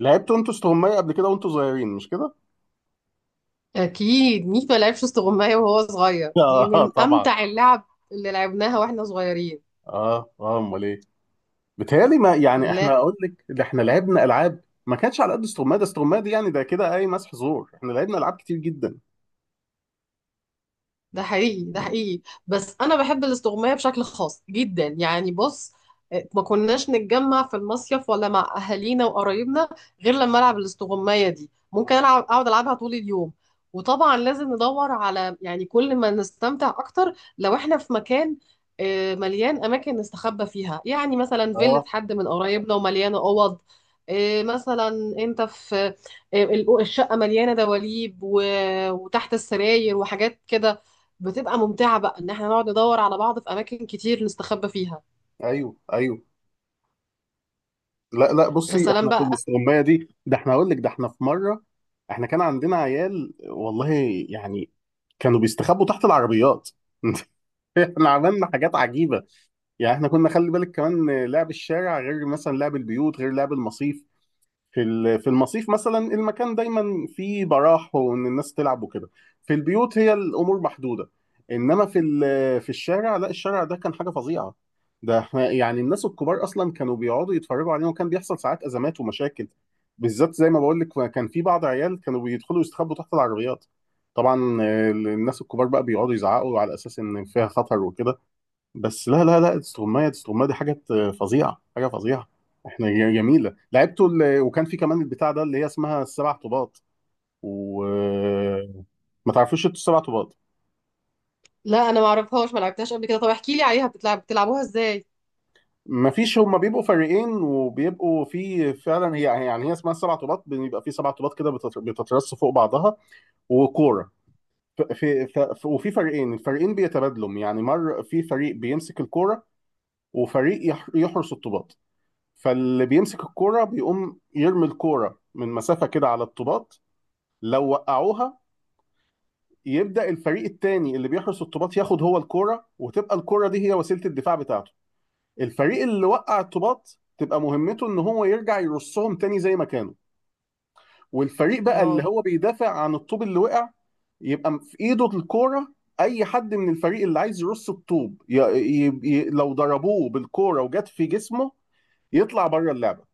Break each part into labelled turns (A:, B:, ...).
A: لعبتوا انتوا استغماية قبل كده وانتوا صغيرين مش كده؟
B: اكيد ميكو لعبش استغماية وهو صغير، دي
A: اه
B: من
A: طبعا.
B: امتع اللعب اللي لعبناها واحنا صغيرين.
A: اه اه امال ايه؟ بيتهيألي ما يعني
B: لا،
A: احنا اقول لك ده احنا لعبنا العاب ما كانتش على قد استغماية، ده استغماية دي يعني ده كده اي مسح زور، احنا لعبنا العاب كتير جدا.
B: ده حقيقي ده حقيقي. بس انا بحب الاستغماية بشكل خاص جدا، يعني بص. ما كناش نتجمع في المصيف ولا مع اهالينا وقرايبنا غير لما العب الاستغماية دي، ممكن العب اقعد العبها طول اليوم. وطبعا لازم ندور على، يعني كل ما نستمتع اكتر لو احنا في مكان مليان اماكن نستخبى فيها، يعني مثلا فيلة
A: اه
B: حد من قرايبنا ومليانة اوض. مثلا انت في آه، الشقة مليانة دواليب و- وتحت السراير وحاجات كده، بتبقى ممتعة بقى ان احنا نقعد ندور على بعض في اماكن كتير نستخبى فيها.
A: ايوه ايوه. لا لا
B: يا
A: بصي،
B: سلام
A: احنا في
B: بقى.
A: الاستغماية دي ده احنا اقول لك ده احنا في مرة احنا كان عندنا عيال والله، يعني كانوا بيستخبوا تحت العربيات. احنا عملنا حاجات عجيبة، يعني احنا كنا خلي بالك كمان لعب الشارع غير مثلا لعب البيوت غير لعب المصيف. في المصيف مثلا المكان دايما فيه براح وان الناس تلعب وكده. في البيوت هي الامور محدوده، انما في الشارع لا، الشارع ده كان حاجه فظيعه. يعني الناس الكبار اصلا كانوا بيقعدوا يتفرجوا علينا، وكان بيحصل ساعات ازمات ومشاكل، بالذات زي ما بقول لك كان في بعض عيال كانوا بيدخلوا يستخبوا تحت العربيات. طبعا الناس الكبار بقى بيقعدوا يزعقوا على اساس ان فيها خطر وكده. بس لا لا لا، استغماية استغماية دي حاجة فظيعة، حاجة فظيعة. احنا جميلة لعبته. وكان في كمان البتاع ده اللي هي اسمها السبع طوبات، و ما تعرفوش انتوا السبع طوبات؟
B: لا، انا ما اعرفهاش، ما لعبتهاش قبل كده. طب احكي لي عليها، بتلعبوها ازاي؟
A: ما فيش، هما بيبقوا فريقين، وبيبقوا في فعلا هي يعني هي اسمها السبع طوبات، بيبقى في سبع طوبات كده بتترص فوق بعضها، وكورة. ف- في ف- ف- وفي فريقين، الفريقين بيتبادلوا، يعني مر في فريق بيمسك الكورة وفريق يحرس الطوبات. فاللي بيمسك الكوره بيقوم يرمي الكوره من مسافه كده على الطوبات. لو وقعوها يبدا الفريق التاني اللي بيحرس الطوبات ياخد هو الكوره، وتبقى الكوره دي هي وسيله الدفاع بتاعته. الفريق اللي وقع الطوبات تبقى مهمته ان هو يرجع يرصهم تاني زي ما كانوا، والفريق بقى اللي
B: اه،
A: هو بيدافع عن الطوب اللي وقع يبقى في ايده الكوره. اي حد من الفريق اللي عايز يرص الطوب لو ضربوه بالكوره وجت في جسمه يطلع بره اللعبه.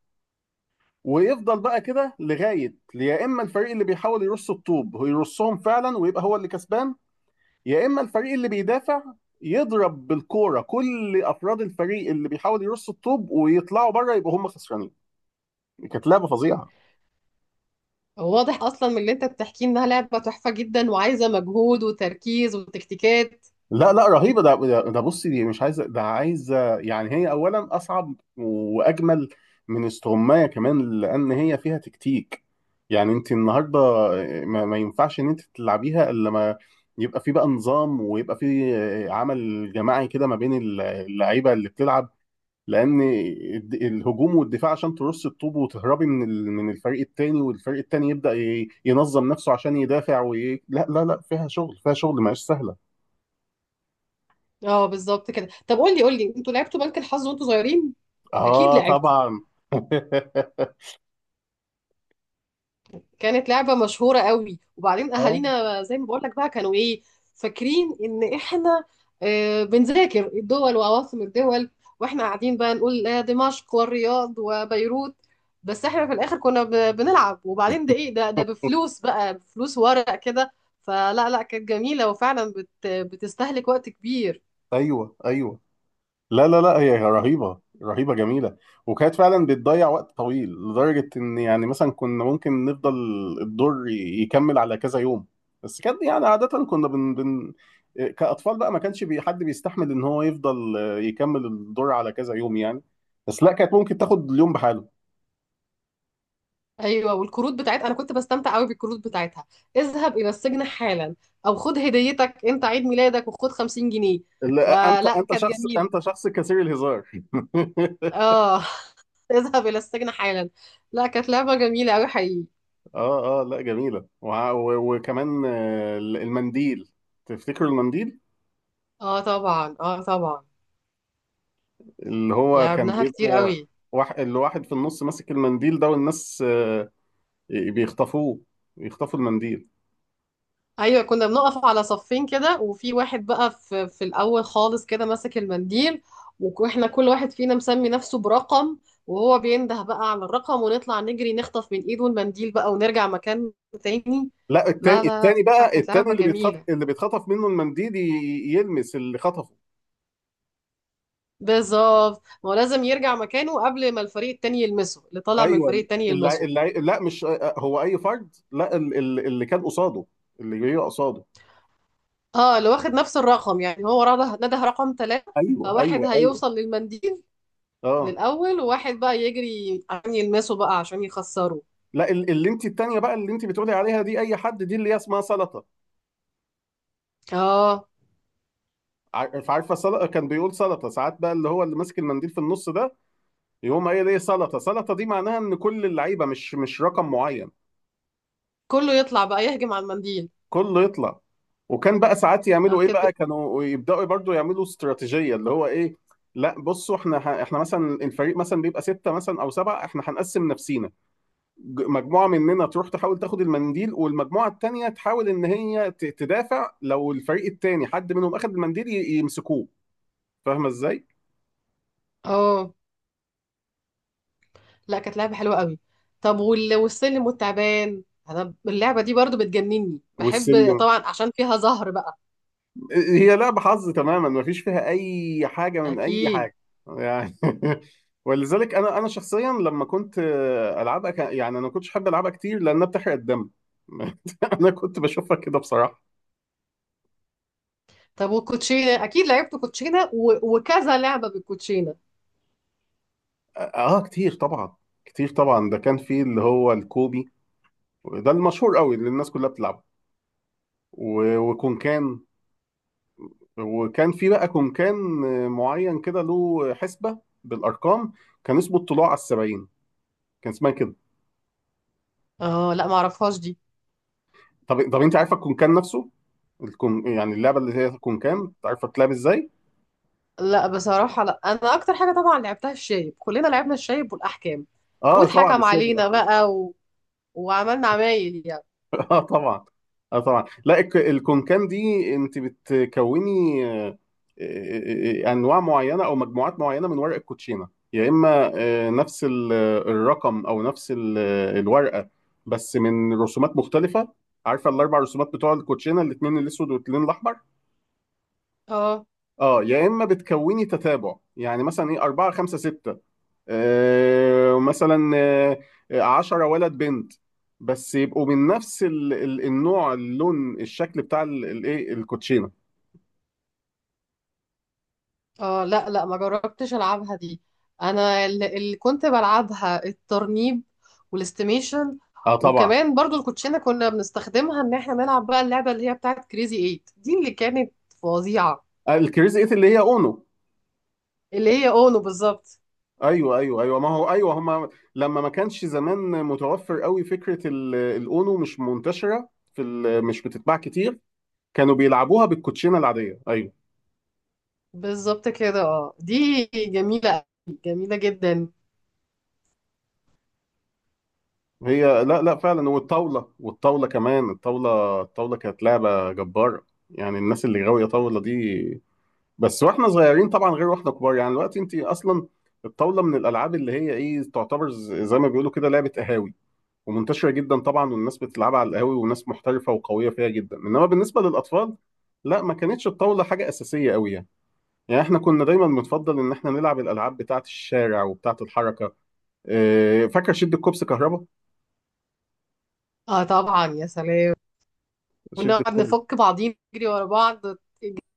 A: ويفضل بقى كده لغايه يا اما الفريق اللي بيحاول يرص الطوب هو يرصهم فعلا ويبقى هو اللي كسبان، يا اما الفريق اللي بيدافع يضرب بالكوره كل افراد الفريق اللي بيحاول يرص الطوب ويطلعوا بره يبقوا هم خسرانين. كانت لعبه فظيعه.
B: واضح اصلا من اللي انت بتحكيه انها لعبة تحفة جدا وعايزة مجهود وتركيز وتكتيكات.
A: لا لا رهيبة، ده ده ده بصي دي مش عايزة، ده عايزة يعني، هي أولا أصعب وأجمل من استغماية كمان، لأن هي فيها تكتيك. يعني أنت النهاردة ما ينفعش إن أنت تلعبيها إلا ما يبقى في بقى نظام، ويبقى في عمل جماعي كده ما بين اللعيبة اللي بتلعب. لأن الهجوم والدفاع عشان ترص الطوب وتهربي من الفريق التاني، والفريق التاني يبدأ ينظم نفسه عشان يدافع لا لا لا، فيها شغل، فيها شغل، ما هيش سهلة.
B: اه بالظبط كده. طب قول لي قول لي، انتوا لعبتوا بنك الحظ وانتوا صغيرين؟ اكيد
A: اه
B: لعبتوا،
A: طبعا.
B: كانت لعبة مشهورة قوي. وبعدين
A: اه
B: أهالينا زي ما بقولك بقى كانوا إيه، فاكرين إن إحنا بنذاكر الدول وعواصم الدول، وإحنا قاعدين بقى نقول دمشق والرياض وبيروت. بس إحنا في الآخر كنا بنلعب، وبعدين ده إيه، ده بفلوس بقى، بفلوس ورق كده. فلا لا، كانت جميلة وفعلا بتستهلك وقت كبير.
A: ايوه ايوه. لا لا لا هي رهيبه، رهيبه، جميله. وكانت فعلا بتضيع وقت طويل لدرجه ان يعني مثلا كنا ممكن نفضل الدور يكمل على كذا يوم. بس كانت يعني عاده كنا بن, بن كاطفال بقى ما كانش بي حد بيستحمل ان هو يفضل يكمل الدور على كذا يوم يعني. بس لا، كانت ممكن تاخد اليوم بحاله.
B: ايوه، والكروت بتاعتها انا كنت بستمتع قوي بالكروت بتاعتها، اذهب الى السجن حالا، او خد هديتك انت عيد ميلادك وخد 50 جنيه.
A: لا، انت
B: فلا،
A: انت
B: كانت
A: شخص،
B: جميله.
A: انت شخص كثير الهزار.
B: اه. اذهب الى السجن حالا. لا، كانت لعبه جميله قوي حقيقي.
A: اه اه لا جميلة وع- و- وكمان المنديل. تفتكروا المنديل
B: اه طبعا، اه طبعا،
A: اللي هو كان
B: لعبناها كتير
A: بيبقى
B: قوي.
A: واحد، اللي واحد في النص ماسك المنديل ده والناس بيخطفوه، بيخطفوا المنديل.
B: ايوه، كنا بنقف على صفين كده، وفي واحد بقى في الاول خالص كده ماسك المنديل، واحنا كل واحد فينا مسمي نفسه برقم، وهو بينده بقى على الرقم، ونطلع نجري نخطف من ايده المنديل بقى ونرجع مكان تاني.
A: لا،
B: لا،
A: التاني،
B: لا،
A: التاني
B: لا،
A: بقى،
B: كانت
A: التاني
B: لعبة
A: اللي بيتخطف،
B: جميلة.
A: اللي بيتخطف منه المنديل يلمس اللي خطفه.
B: بالظبط، ما هو لازم يرجع مكانه قبل ما الفريق التاني يلمسه، اللي طالع من
A: ايوه
B: الفريق التاني
A: اللي
B: يلمسه.
A: اللي لا مش هو اي فرد، لا اللي كان قصاده، اللي جاي قصاده.
B: اه، اللي واخد نفس الرقم، يعني هو رده نده رقم ثلاثة،
A: ايوه ايوه
B: فواحد
A: ايوه
B: هيوصل للمنديل
A: اه.
B: للأول، وواحد بقى يجري عشان يلمسه بقى عشان يخسره.
A: لا اللي انت التانية بقى اللي انت بتقولي عليها دي اي حد، دي اللي هي اسمها سلطة.
B: اه،
A: عارفة سلطة؟ كان بيقول سلطة ساعات بقى، اللي هو اللي ماسك المنديل في النص ده يقوم قايل ايه سلطة. سلطة دي معناها ان كل اللعيبة مش مش رقم معين،
B: كله يطلع بقى يهجم على المنديل.
A: كله يطلع. وكان بقى ساعات
B: آه،
A: يعملوا ايه
B: كانت ب-
A: بقى، كانوا يبداوا برضو يعملوا استراتيجيه اللي هو ايه، لا بصوا احنا احنا مثلا الفريق مثلا بيبقى سته مثلا او سبعه، احنا هنقسم نفسينا، مجموعه مننا تروح تحاول تاخد المنديل، والمجموعه التانيه تحاول ان هي تدافع لو الفريق التاني حد منهم اخد المنديل يمسكوه. فاهمه ازاي؟
B: اه، لا، كانت لعبة حلوة قوي. طب وال- والسلم والتعبان، انا اللعبة دي برضو بتجنني، بحب
A: والسلم،
B: طبعا عشان فيها زهر بقى.
A: هي لعبه حظ تماما، مفيش فيها اي حاجه من اي
B: اكيد.
A: حاجه يعني. ولذلك انا شخصيا لما كنت العبها يعني انا ما كنتش احب العبها كتير لانها بتحرق الدم. انا كنت بشوفها كده بصراحه.
B: طب والكوتشينة، اكيد لعبت كوتشينة و... وكذا لعبة بالكوتشينة.
A: اه كتير طبعا، كتير طبعا، ده كان في اللي هو الكوبي، وده المشهور قوي اللي الناس كلها بتلعبه، و- وكونكان. وكان في بقى كونكان معين كده له حسبة بالأرقام، كان اسمه الطلوع على السبعين، كان اسمها كده.
B: اه، لا، معرفهاش دي.
A: طب طب أنت عارفة الكونكان نفسه؟ الكون يعني اللعبة اللي هي الكونكان عارفة تلعب إزاي؟
B: لا بصراحة لا، انا اكتر حاجة طبعا لعبتها الشايب، كلنا لعبنا الشايب والاحكام،
A: آه طبعا.
B: واتحكم علينا بقى و... وعملنا عمايل يعني.
A: اه طبعا، اه طبعا. لا الكونكام دي انت بتكوني انواع معينه او مجموعات معينه من ورق الكوتشينه، يا اما نفس الرقم او نفس الورقه بس من رسومات مختلفه. عارفه الاربع رسومات بتوع الكوتشينه، الاثنين الاسود والاثنين الاحمر.
B: اه،
A: اه، يا اما بتكوني تتابع يعني مثلا ايه 4 5 6، مثلا 10 ولد بنت، بس يبقوا من نفس النوع، اللون، الشكل بتاع الايه الكوتشينه.
B: اه، لا، لا، ما جربتش العبها دي. انا اللي كنت بلعبها الترنيب والاستيميشن،
A: اه طبعا.
B: وكمان برضو الكوتشينه كنا بنستخدمها ان احنا نلعب بقى اللعبه اللي هي بتاعت كريزي ايت دي اللي كانت فظيعه،
A: الكريزي ايت اللي هي اونو.
B: اللي هي اونو بالظبط.
A: ايوه ايوه ايوه، ما هو ايوه هما لما ما كانش زمان متوفر قوي فكره الاونو، مش منتشره مش بتتباع كتير، كانوا بيلعبوها بالكوتشينه العاديه ايوه.
B: بالظبط كده، اه دي جميله أوي، جميله جدا.
A: هي لا لا فعلا، والطاوله، والطاوله كمان، الطاوله، الطاوله كانت لعبه جباره، يعني الناس اللي غاويه طاوله دي. بس واحنا صغيرين طبعا، غير واحنا كبار، يعني دلوقتي انت اصلا الطاوله من الالعاب اللي هي ايه تعتبر زي ما بيقولوا كده لعبه قهاوي، ومنتشره جدا طبعا، والناس بتلعبها على القهاوي، وناس محترفه وقويه فيها جدا، انما بالنسبه للاطفال لا، ما كانتش الطاوله حاجه اساسيه قوي يعني. يعني احنا كنا دايما بنفضل ان احنا نلعب الالعاب بتاعه الشارع وبتاعه الحركه. اه، فاكر شد الكوبس كهربا؟
B: اه طبعا، يا سلام،
A: شد
B: ونقعد
A: الكوبس.
B: نفك بعضين نجري ورا بعض،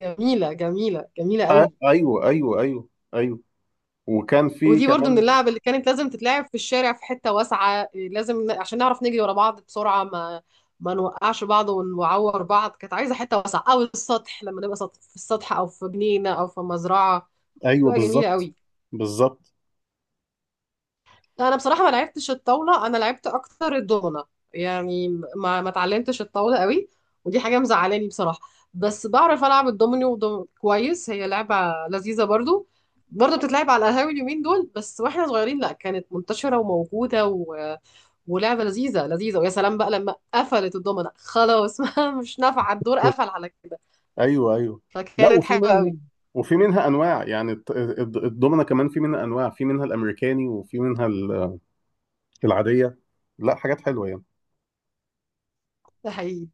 B: جميله جميله جميله
A: آه
B: قوي.
A: ايوه ايوه ايوه ايوه. وكان في
B: ودي برضو من
A: كمان
B: اللعب اللي كانت لازم تتلعب في الشارع، في حتة واسعة، عشان نعرف نجري ورا بعض بسرعة، ما نوقعش بعض ونعور بعض. كانت عايزة حتة واسعة أو السطح، لما نبقى في السطح أو في جنينة أو في مزرعة،
A: ايوه
B: تبقى جميلة
A: بالظبط،
B: قوي.
A: بالظبط.
B: انا بصراحه ما لعبتش الطاوله، انا لعبت اكتر الدومنه، يعني ما اتعلمتش الطاوله قوي، ودي حاجه مزعلاني بصراحه. بس بعرف العب الدومينو كويس، هي لعبه لذيذه برضو، برضو بتتلعب على القهاوي اليومين دول، بس واحنا صغيرين لا كانت منتشره وموجوده ولعبه لذيذه لذيذه، ويا سلام بقى لما قفلت الدومنه خلاص. مش نافعه، الدور قفل على كده،
A: ايوه ايوه. لا
B: فكانت
A: وفي
B: حلوه
A: منها،
B: قوي.
A: وفي منها انواع يعني الضمنه، كمان في منها انواع، في منها الامريكاني وفي منها العاديه. لا حاجات حلوه يعني.
B: ده حقيقي.